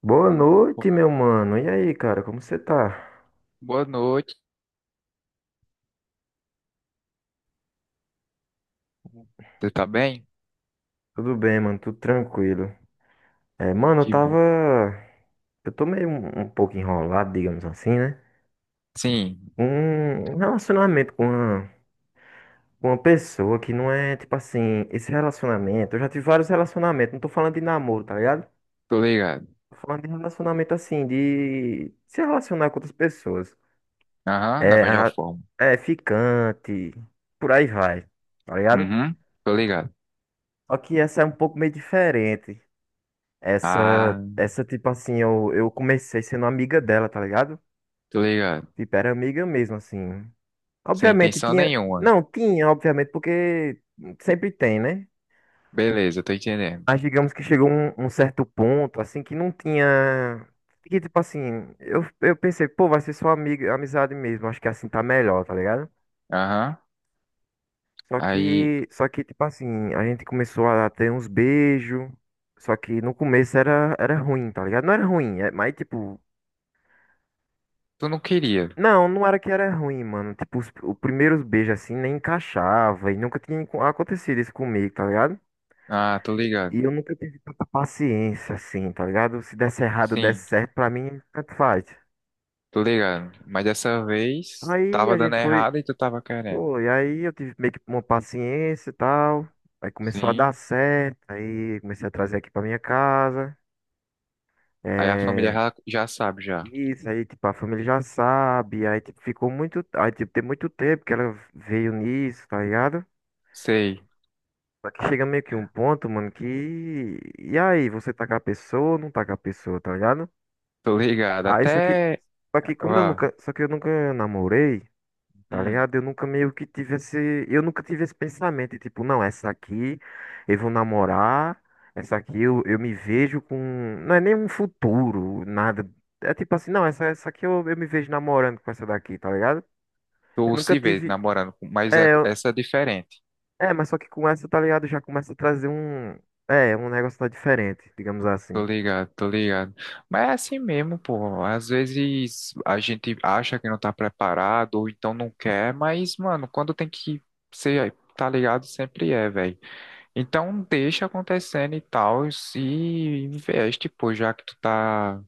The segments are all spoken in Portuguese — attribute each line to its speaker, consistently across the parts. Speaker 1: Boa noite, meu mano. E aí, cara, como você tá?
Speaker 2: Boa noite, você tá bem?
Speaker 1: Tudo bem, mano? Tudo tranquilo. É, mano, eu
Speaker 2: Que bom.
Speaker 1: tava. Eu tô meio um pouco enrolado, digamos assim, né?
Speaker 2: Sim,
Speaker 1: Um relacionamento com com uma pessoa que não é, tipo assim, esse relacionamento. Eu já tive vários relacionamentos, não tô falando de namoro, tá ligado?
Speaker 2: tô ligado.
Speaker 1: Tô falando de relacionamento assim, de se relacionar com outras pessoas.
Speaker 2: Aham, da
Speaker 1: É,
Speaker 2: melhor
Speaker 1: a-
Speaker 2: forma.
Speaker 1: é ficante, por aí vai, tá ligado?
Speaker 2: Uhum, tô ligado.
Speaker 1: Só que essa é um pouco meio diferente. Essa,
Speaker 2: Ah,
Speaker 1: essa, tipo assim, eu comecei sendo amiga dela, tá ligado?
Speaker 2: tô ligado.
Speaker 1: Tipo, era amiga mesmo, assim.
Speaker 2: Sem
Speaker 1: Obviamente
Speaker 2: intenção
Speaker 1: tinha.
Speaker 2: nenhuma.
Speaker 1: Não, tinha, obviamente, porque sempre tem, né?
Speaker 2: Beleza, tô entendendo.
Speaker 1: Mas digamos que chegou um certo ponto, assim, que não tinha. Que, tipo assim, eu pensei, pô, vai ser só amiga, amizade mesmo, acho que assim tá melhor, tá ligado?
Speaker 2: Aham,
Speaker 1: Só
Speaker 2: aí,
Speaker 1: que, só que, tipo assim, a gente começou a ter uns beijos. Só que no começo era ruim, tá ligado? Não era ruim, mas tipo.
Speaker 2: tu não queria.
Speaker 1: Não, não era que era ruim, mano. Tipo, os primeiros beijos assim nem encaixava e nunca tinha acontecido isso comigo, tá ligado?
Speaker 2: Ah, tô
Speaker 1: E
Speaker 2: ligado.
Speaker 1: eu nunca tive tanta paciência assim, tá ligado? Se desse errado, desse
Speaker 2: Sim,
Speaker 1: certo, pra mim, tanto faz.
Speaker 2: tô ligado. Mas dessa vez,
Speaker 1: Aí
Speaker 2: tava
Speaker 1: a
Speaker 2: dando
Speaker 1: gente foi,
Speaker 2: errado e tu tava querendo.
Speaker 1: pô, e aí eu tive meio que uma paciência e tal. Aí começou a dar
Speaker 2: Sim,
Speaker 1: certo, aí comecei a trazer aqui pra minha casa.
Speaker 2: aí a família
Speaker 1: É.
Speaker 2: já sabe já.
Speaker 1: Isso, aí, tipo, a família já sabe, aí, tipo, ficou muito, aí, tipo, tem muito tempo que ela veio nisso, tá ligado?
Speaker 2: Sei,
Speaker 1: Só que chega meio que um ponto, mano, que. E aí, você tá com a pessoa ou não tá com a pessoa, tá ligado?
Speaker 2: tô ligado.
Speaker 1: Aí, só que.
Speaker 2: Até,
Speaker 1: Só que como eu
Speaker 2: vá,
Speaker 1: nunca. Só que eu nunca namorei, tá
Speaker 2: hum,
Speaker 1: ligado? Eu nunca meio que tive esse. Eu nunca tive esse pensamento, tipo, não, essa aqui eu vou namorar. Essa aqui eu me vejo com. Não é nem um futuro, nada. É tipo assim, não, essa aqui eu me vejo namorando com essa daqui, tá ligado? Eu
Speaker 2: tu
Speaker 1: nunca
Speaker 2: se vê
Speaker 1: tive.
Speaker 2: namorando, mas é,
Speaker 1: É, eu.
Speaker 2: essa é a diferença.
Speaker 1: É, mas só que com essa, tá ligado? Já começa a trazer um. É, um negócio tá diferente, digamos
Speaker 2: Tô
Speaker 1: assim.
Speaker 2: ligado, tô ligado. Mas é assim mesmo, pô. Às vezes a gente acha que não tá preparado ou então não quer, mas, mano, quando tem que ser, tá ligado, sempre é, velho. Então deixa acontecendo e tal, e investe, pô, já que tu tá,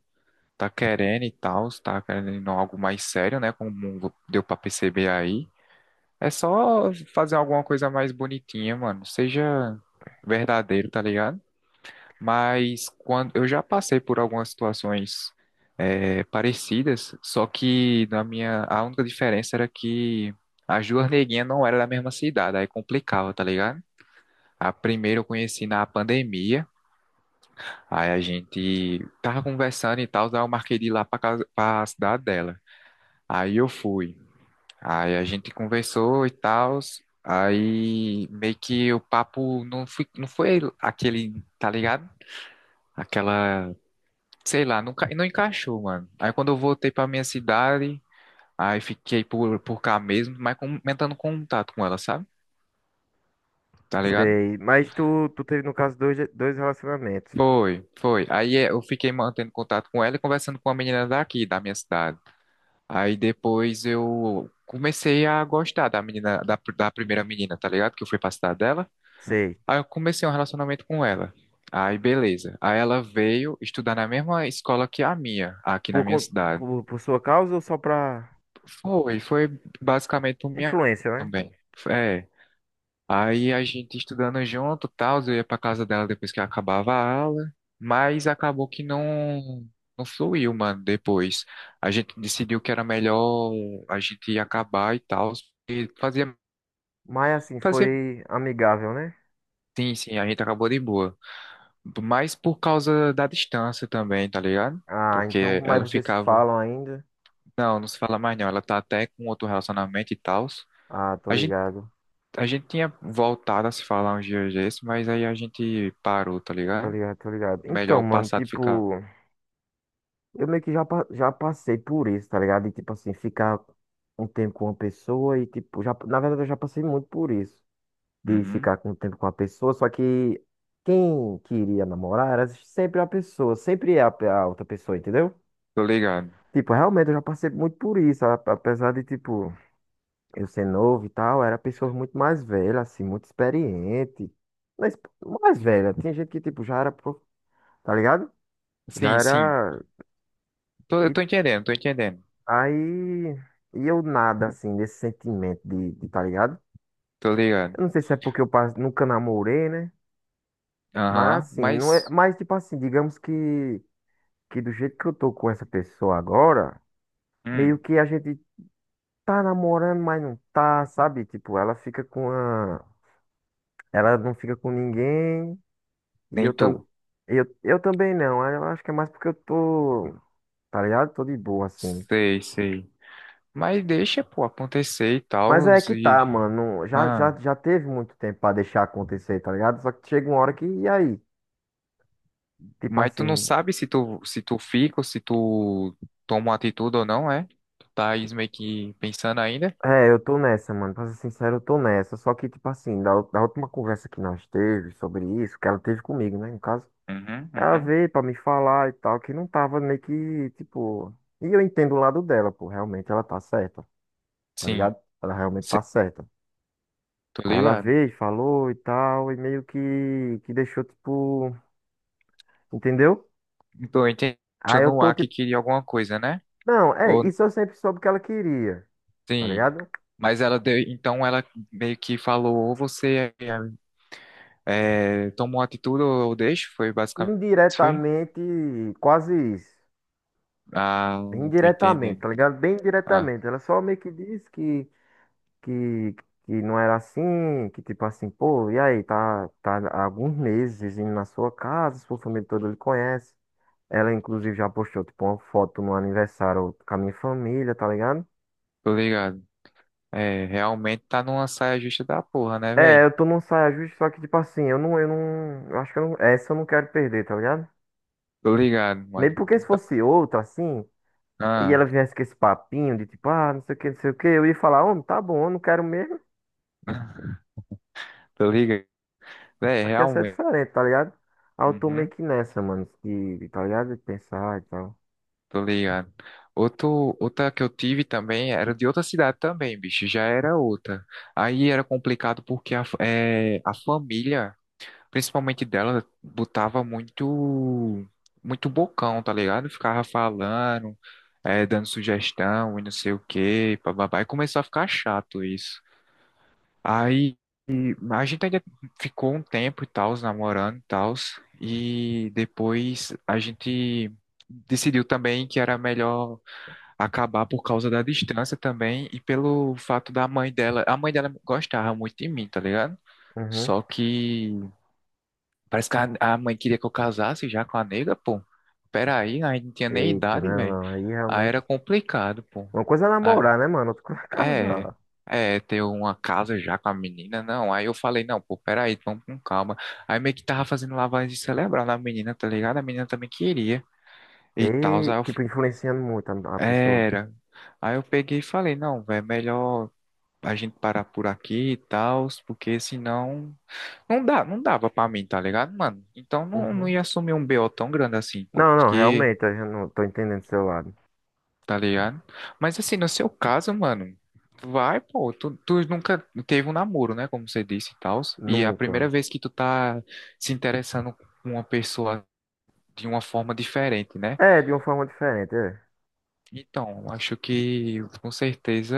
Speaker 2: tá querendo e tal, se tá querendo algo mais sério, né? Como deu pra perceber aí. É só fazer alguma coisa mais bonitinha, mano. Seja verdadeiro, tá ligado? Mas quando eu já passei por algumas situações parecidas, só que na minha a única diferença era que as duas neguinhas não eram da mesma cidade, aí complicava, tá ligado? A primeira eu conheci na pandemia, aí a gente tava conversando e tal, daí eu marquei de ir lá pra casa, pra cidade dela. Aí eu fui, aí a gente conversou e tal, aí meio que o papo não foi aquele, tá ligado? Aquela sei lá, não encaixou, mano. Aí quando eu voltei pra minha cidade, aí fiquei por cá mesmo, mas aumentando contato com ela, sabe? Tá ligado?
Speaker 1: Sei. Mas tu teve, no caso, dois relacionamentos.
Speaker 2: Foi. Aí é, eu fiquei mantendo contato com ela e conversando com a menina daqui, da minha cidade. Aí depois eu comecei a gostar da menina, da primeira menina, tá ligado? Que eu fui pra cidade dela.
Speaker 1: Sei.
Speaker 2: Aí eu comecei um relacionamento com ela. Aí beleza. Aí ela veio estudar na mesma escola que a minha, aqui na
Speaker 1: Por,
Speaker 2: minha
Speaker 1: con-
Speaker 2: cidade.
Speaker 1: por sua causa ou só pra
Speaker 2: Foi basicamente por minha
Speaker 1: influência, né?
Speaker 2: também. É, aí a gente estudando junto, tal, eu ia pra casa dela depois que acabava a aula, mas acabou que não fluiu, mano, depois. A gente decidiu que era melhor a gente acabar e tal, e fazia
Speaker 1: Mas assim,
Speaker 2: fazia
Speaker 1: foi amigável, né?
Speaker 2: sim, sim, a gente acabou de boa. Mas por causa da distância também, tá ligado?
Speaker 1: Ah, então.
Speaker 2: Porque
Speaker 1: Mas
Speaker 2: ela
Speaker 1: vocês se
Speaker 2: ficava,
Speaker 1: falam ainda?
Speaker 2: não se fala mais não, ela tá até com outro relacionamento e tal.
Speaker 1: Ah, tô ligado.
Speaker 2: A gente tinha voltado a se falar uns dias desses, mas aí a gente parou, tá
Speaker 1: Tô
Speaker 2: ligado?
Speaker 1: ligado, tô ligado.
Speaker 2: É melhor
Speaker 1: Então,
Speaker 2: o
Speaker 1: mano,
Speaker 2: passado ficar.
Speaker 1: tipo. Eu meio que já passei por isso, tá ligado? E tipo assim, ficar um tempo com uma pessoa e tipo. Já, na verdade, eu já passei muito por isso. De
Speaker 2: Uhum.
Speaker 1: ficar com o tempo com a pessoa, só que quem queria namorar era sempre a pessoa, sempre é a outra pessoa, entendeu?
Speaker 2: Tô ligado.
Speaker 1: Tipo, realmente eu já passei muito por isso, apesar de, tipo, eu ser novo e tal, era pessoas muito mais velhas, assim, muito experiente, mas mais
Speaker 2: Sim,
Speaker 1: velha, tinha gente que, tipo, já era, tá ligado? Já
Speaker 2: sim. Sim.
Speaker 1: era,
Speaker 2: Tô,
Speaker 1: e
Speaker 2: tô entendendo.
Speaker 1: aí, e eu nada, assim, desse sentimento de, tá ligado?
Speaker 2: Tô ligado.
Speaker 1: Eu não sei se é porque eu nunca namorei, né? Mas
Speaker 2: Aham,
Speaker 1: assim, não é,
Speaker 2: mas.
Speaker 1: mas tipo assim, digamos que do jeito que eu tô com essa pessoa agora, meio
Speaker 2: Hum,
Speaker 1: que a gente tá namorando, mas não tá, sabe? Tipo, ela fica com a. Ela não fica com ninguém. E eu
Speaker 2: nem
Speaker 1: também.
Speaker 2: tu.
Speaker 1: Eu também não. Aí eu acho que é mais porque eu tô. Tá ligado? Tô de boa, assim.
Speaker 2: Sei, sei. Mas deixa, pô, acontecer e
Speaker 1: Mas
Speaker 2: tal.
Speaker 1: é que
Speaker 2: E...
Speaker 1: tá, mano. Já, já,
Speaker 2: Ah,
Speaker 1: já teve muito tempo pra deixar acontecer, tá ligado? Só que chega uma hora que. E aí? Tipo
Speaker 2: mas tu não
Speaker 1: assim.
Speaker 2: sabe se tu fica ou se tu toma uma atitude ou não, é? Tu tá aí meio que pensando ainda?
Speaker 1: É, eu tô nessa, mano. Pra ser sincero, eu tô nessa. Só que, tipo assim, da última conversa que nós teve sobre isso, que ela teve comigo, né, no caso.
Speaker 2: Uhum,
Speaker 1: A
Speaker 2: uhum.
Speaker 1: ver pra me falar e tal, que não tava meio que, tipo. E eu entendo o lado dela, pô, realmente ela tá certa, tá
Speaker 2: Sim,
Speaker 1: ligado? Ela realmente
Speaker 2: sei,
Speaker 1: tá certa.
Speaker 2: tô
Speaker 1: Aí ela
Speaker 2: ligado.
Speaker 1: veio, falou e tal, e meio que deixou, tipo, entendeu?
Speaker 2: Então, eu entendi
Speaker 1: Aí eu
Speaker 2: no
Speaker 1: tô
Speaker 2: ar que
Speaker 1: tipo,
Speaker 2: queria alguma coisa, né?
Speaker 1: não, é,
Speaker 2: Ou
Speaker 1: isso eu sempre soube que ela queria, tá
Speaker 2: sim.
Speaker 1: ligado?
Speaker 2: Mas ela deu, então ela meio que falou, ou você é, toma atitude ou eu deixo, foi basicamente isso, foi?
Speaker 1: Indiretamente, quase isso.
Speaker 2: Ah, tô
Speaker 1: Indiretamente,
Speaker 2: entendendo.
Speaker 1: tá ligado? Bem
Speaker 2: Ah,
Speaker 1: diretamente. Ela só meio que disse que, que não era assim, que tipo assim, pô, e aí, tá, tá há alguns meses indo na sua casa, sua família toda lhe conhece. Ela, inclusive, já postou, tipo, uma foto no aniversário com a minha família, tá ligado?
Speaker 2: tô ligado. É, realmente tá numa saia justa da porra, né,
Speaker 1: É,
Speaker 2: velho?
Speaker 1: eu tô num saia justa, só que, tipo assim, eu não, eu acho que eu não, essa eu não quero perder, tá ligado?
Speaker 2: Tô ligado,
Speaker 1: Mesmo
Speaker 2: mano.
Speaker 1: porque se
Speaker 2: Tá-
Speaker 1: fosse outra, assim, e ela
Speaker 2: Ah,
Speaker 1: viesse com esse papinho de tipo, ah, não sei o que, eu ia falar, homem, tá bom, eu não quero mesmo,
Speaker 2: tô ligado. É,
Speaker 1: aqui essa é
Speaker 2: realmente.
Speaker 1: diferente, tá ligado? Aí eu tô meio
Speaker 2: Uhum.
Speaker 1: que nessa, mano, de, tá ligado? De pensar e tal.
Speaker 2: Tô ligado. Outro, outra que eu tive também era de outra cidade também, bicho. Já era outra. Aí era complicado porque a família, principalmente dela, botava muito, muito bocão, tá ligado? Ficava falando, dando sugestão e não sei o quê, bababá. E começou a ficar chato isso. Aí a gente ainda ficou um tempo e tal, namorando e tal. E depois a gente decidiu também que era melhor acabar por causa da distância também e pelo fato da mãe dela. A mãe dela gostava muito de mim, tá ligado?
Speaker 1: Uhum.
Speaker 2: Só que parece que a mãe queria que eu casasse já com a nega, pô. Peraí, aí não tinha nem
Speaker 1: Eita,
Speaker 2: idade, velho.
Speaker 1: não. Aí
Speaker 2: Aí
Speaker 1: realmente.
Speaker 2: era complicado, pô.
Speaker 1: Uma coisa é
Speaker 2: Ah,
Speaker 1: namorar, né, mano? Outra coisa é
Speaker 2: é,
Speaker 1: casar.
Speaker 2: é, ter uma casa já com a menina, não. Aí eu falei, não, pô, peraí, vamos com calma. Aí meio que tava fazendo lavagem cerebral na menina, tá ligado? A menina também queria e tal.
Speaker 1: E,
Speaker 2: Aí eu,
Speaker 1: tipo, influenciando muito a pessoa.
Speaker 2: era. Aí eu peguei e falei, não, velho, melhor a gente parar por aqui e tal, porque senão não dava pra mim, tá ligado, mano? Então não
Speaker 1: Uhum.
Speaker 2: ia assumir um BO tão grande assim, pô,
Speaker 1: Não,
Speaker 2: porque,
Speaker 1: realmente, eu já não tô entendendo do seu lado.
Speaker 2: tá ligado? Mas assim, no seu caso, mano, vai, pô, tu nunca teve um namoro, né, como você disse e tal, e é a primeira
Speaker 1: Nunca.
Speaker 2: vez que tu tá se interessando com uma pessoa de uma forma diferente, né?
Speaker 1: É, de uma forma diferente, é.
Speaker 2: Então, acho que com certeza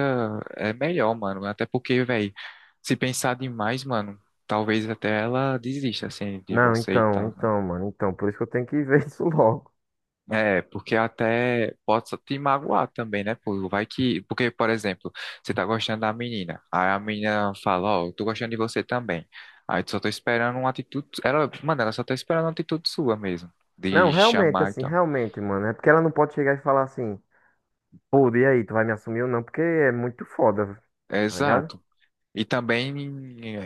Speaker 2: é melhor, mano. Até porque, velho, se pensar demais, mano, talvez até ela desista, assim, de
Speaker 1: Não,
Speaker 2: você e
Speaker 1: então,
Speaker 2: tal, né?
Speaker 1: então, mano, então, por isso que eu tenho que ver isso logo.
Speaker 2: É, porque até pode só te magoar também, né? Pô, vai que. Porque, por exemplo, você tá gostando da menina. Aí a menina fala, ó, eu tô gostando de você também. Aí tu só tô esperando uma atitude. Ela, mano, ela só tá esperando uma atitude sua mesmo.
Speaker 1: Não,
Speaker 2: De
Speaker 1: realmente,
Speaker 2: chamar e
Speaker 1: assim,
Speaker 2: tal.
Speaker 1: realmente, mano, é porque ela não pode chegar e falar assim, pô, e aí, tu vai me assumir ou não? Porque é muito foda, tá ligado?
Speaker 2: Exato. E também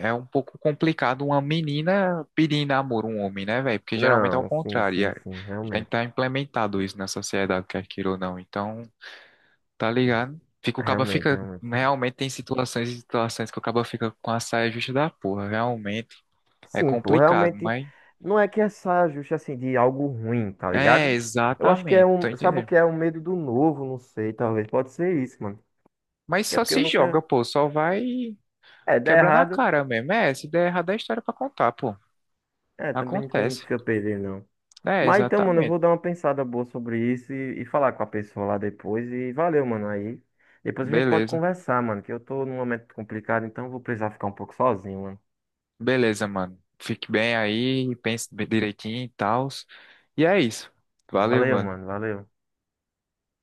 Speaker 2: é um pouco complicado uma menina pedir em namoro um homem, né, velho? Porque geralmente é o
Speaker 1: Não, sim,
Speaker 2: contrário. E
Speaker 1: sim,
Speaker 2: é-
Speaker 1: sim,
Speaker 2: Já
Speaker 1: realmente,
Speaker 2: está implementado isso na sociedade, quer queira ou não. Então, tá ligado? Fica, o caba
Speaker 1: realmente,
Speaker 2: fica.
Speaker 1: realmente.
Speaker 2: Realmente tem situações e situações que o caba fica com a saia justa da porra. Realmente é
Speaker 1: Sim, pô,
Speaker 2: complicado,
Speaker 1: realmente
Speaker 2: mas.
Speaker 1: não é que essa justa assim de algo ruim, tá
Speaker 2: É,
Speaker 1: ligado? Eu acho que é
Speaker 2: exatamente. Tô
Speaker 1: um, sabe o
Speaker 2: entendendo.
Speaker 1: que é um medo do novo, não sei, talvez pode ser isso, mano.
Speaker 2: Mas
Speaker 1: Acho que é
Speaker 2: só
Speaker 1: porque eu
Speaker 2: se
Speaker 1: nunca,
Speaker 2: joga, pô. Só vai
Speaker 1: é, dá
Speaker 2: quebrando a
Speaker 1: errado,
Speaker 2: cara mesmo. É, se der errado é história pra contar, pô.
Speaker 1: é, também não tem muito
Speaker 2: Acontece.
Speaker 1: o que eu perder, não.
Speaker 2: É,
Speaker 1: Mas então, mano, eu vou
Speaker 2: exatamente.
Speaker 1: dar uma pensada boa sobre isso e falar com a pessoa lá depois e valeu, mano, aí. Depois a gente pode
Speaker 2: Beleza.
Speaker 1: conversar, mano, que eu tô num momento complicado, então eu vou precisar ficar um pouco sozinho, mano.
Speaker 2: Beleza, mano. Fique bem aí, pense bem direitinho e tal. E é isso. Valeu,
Speaker 1: Valeu,
Speaker 2: mano.
Speaker 1: mano, valeu.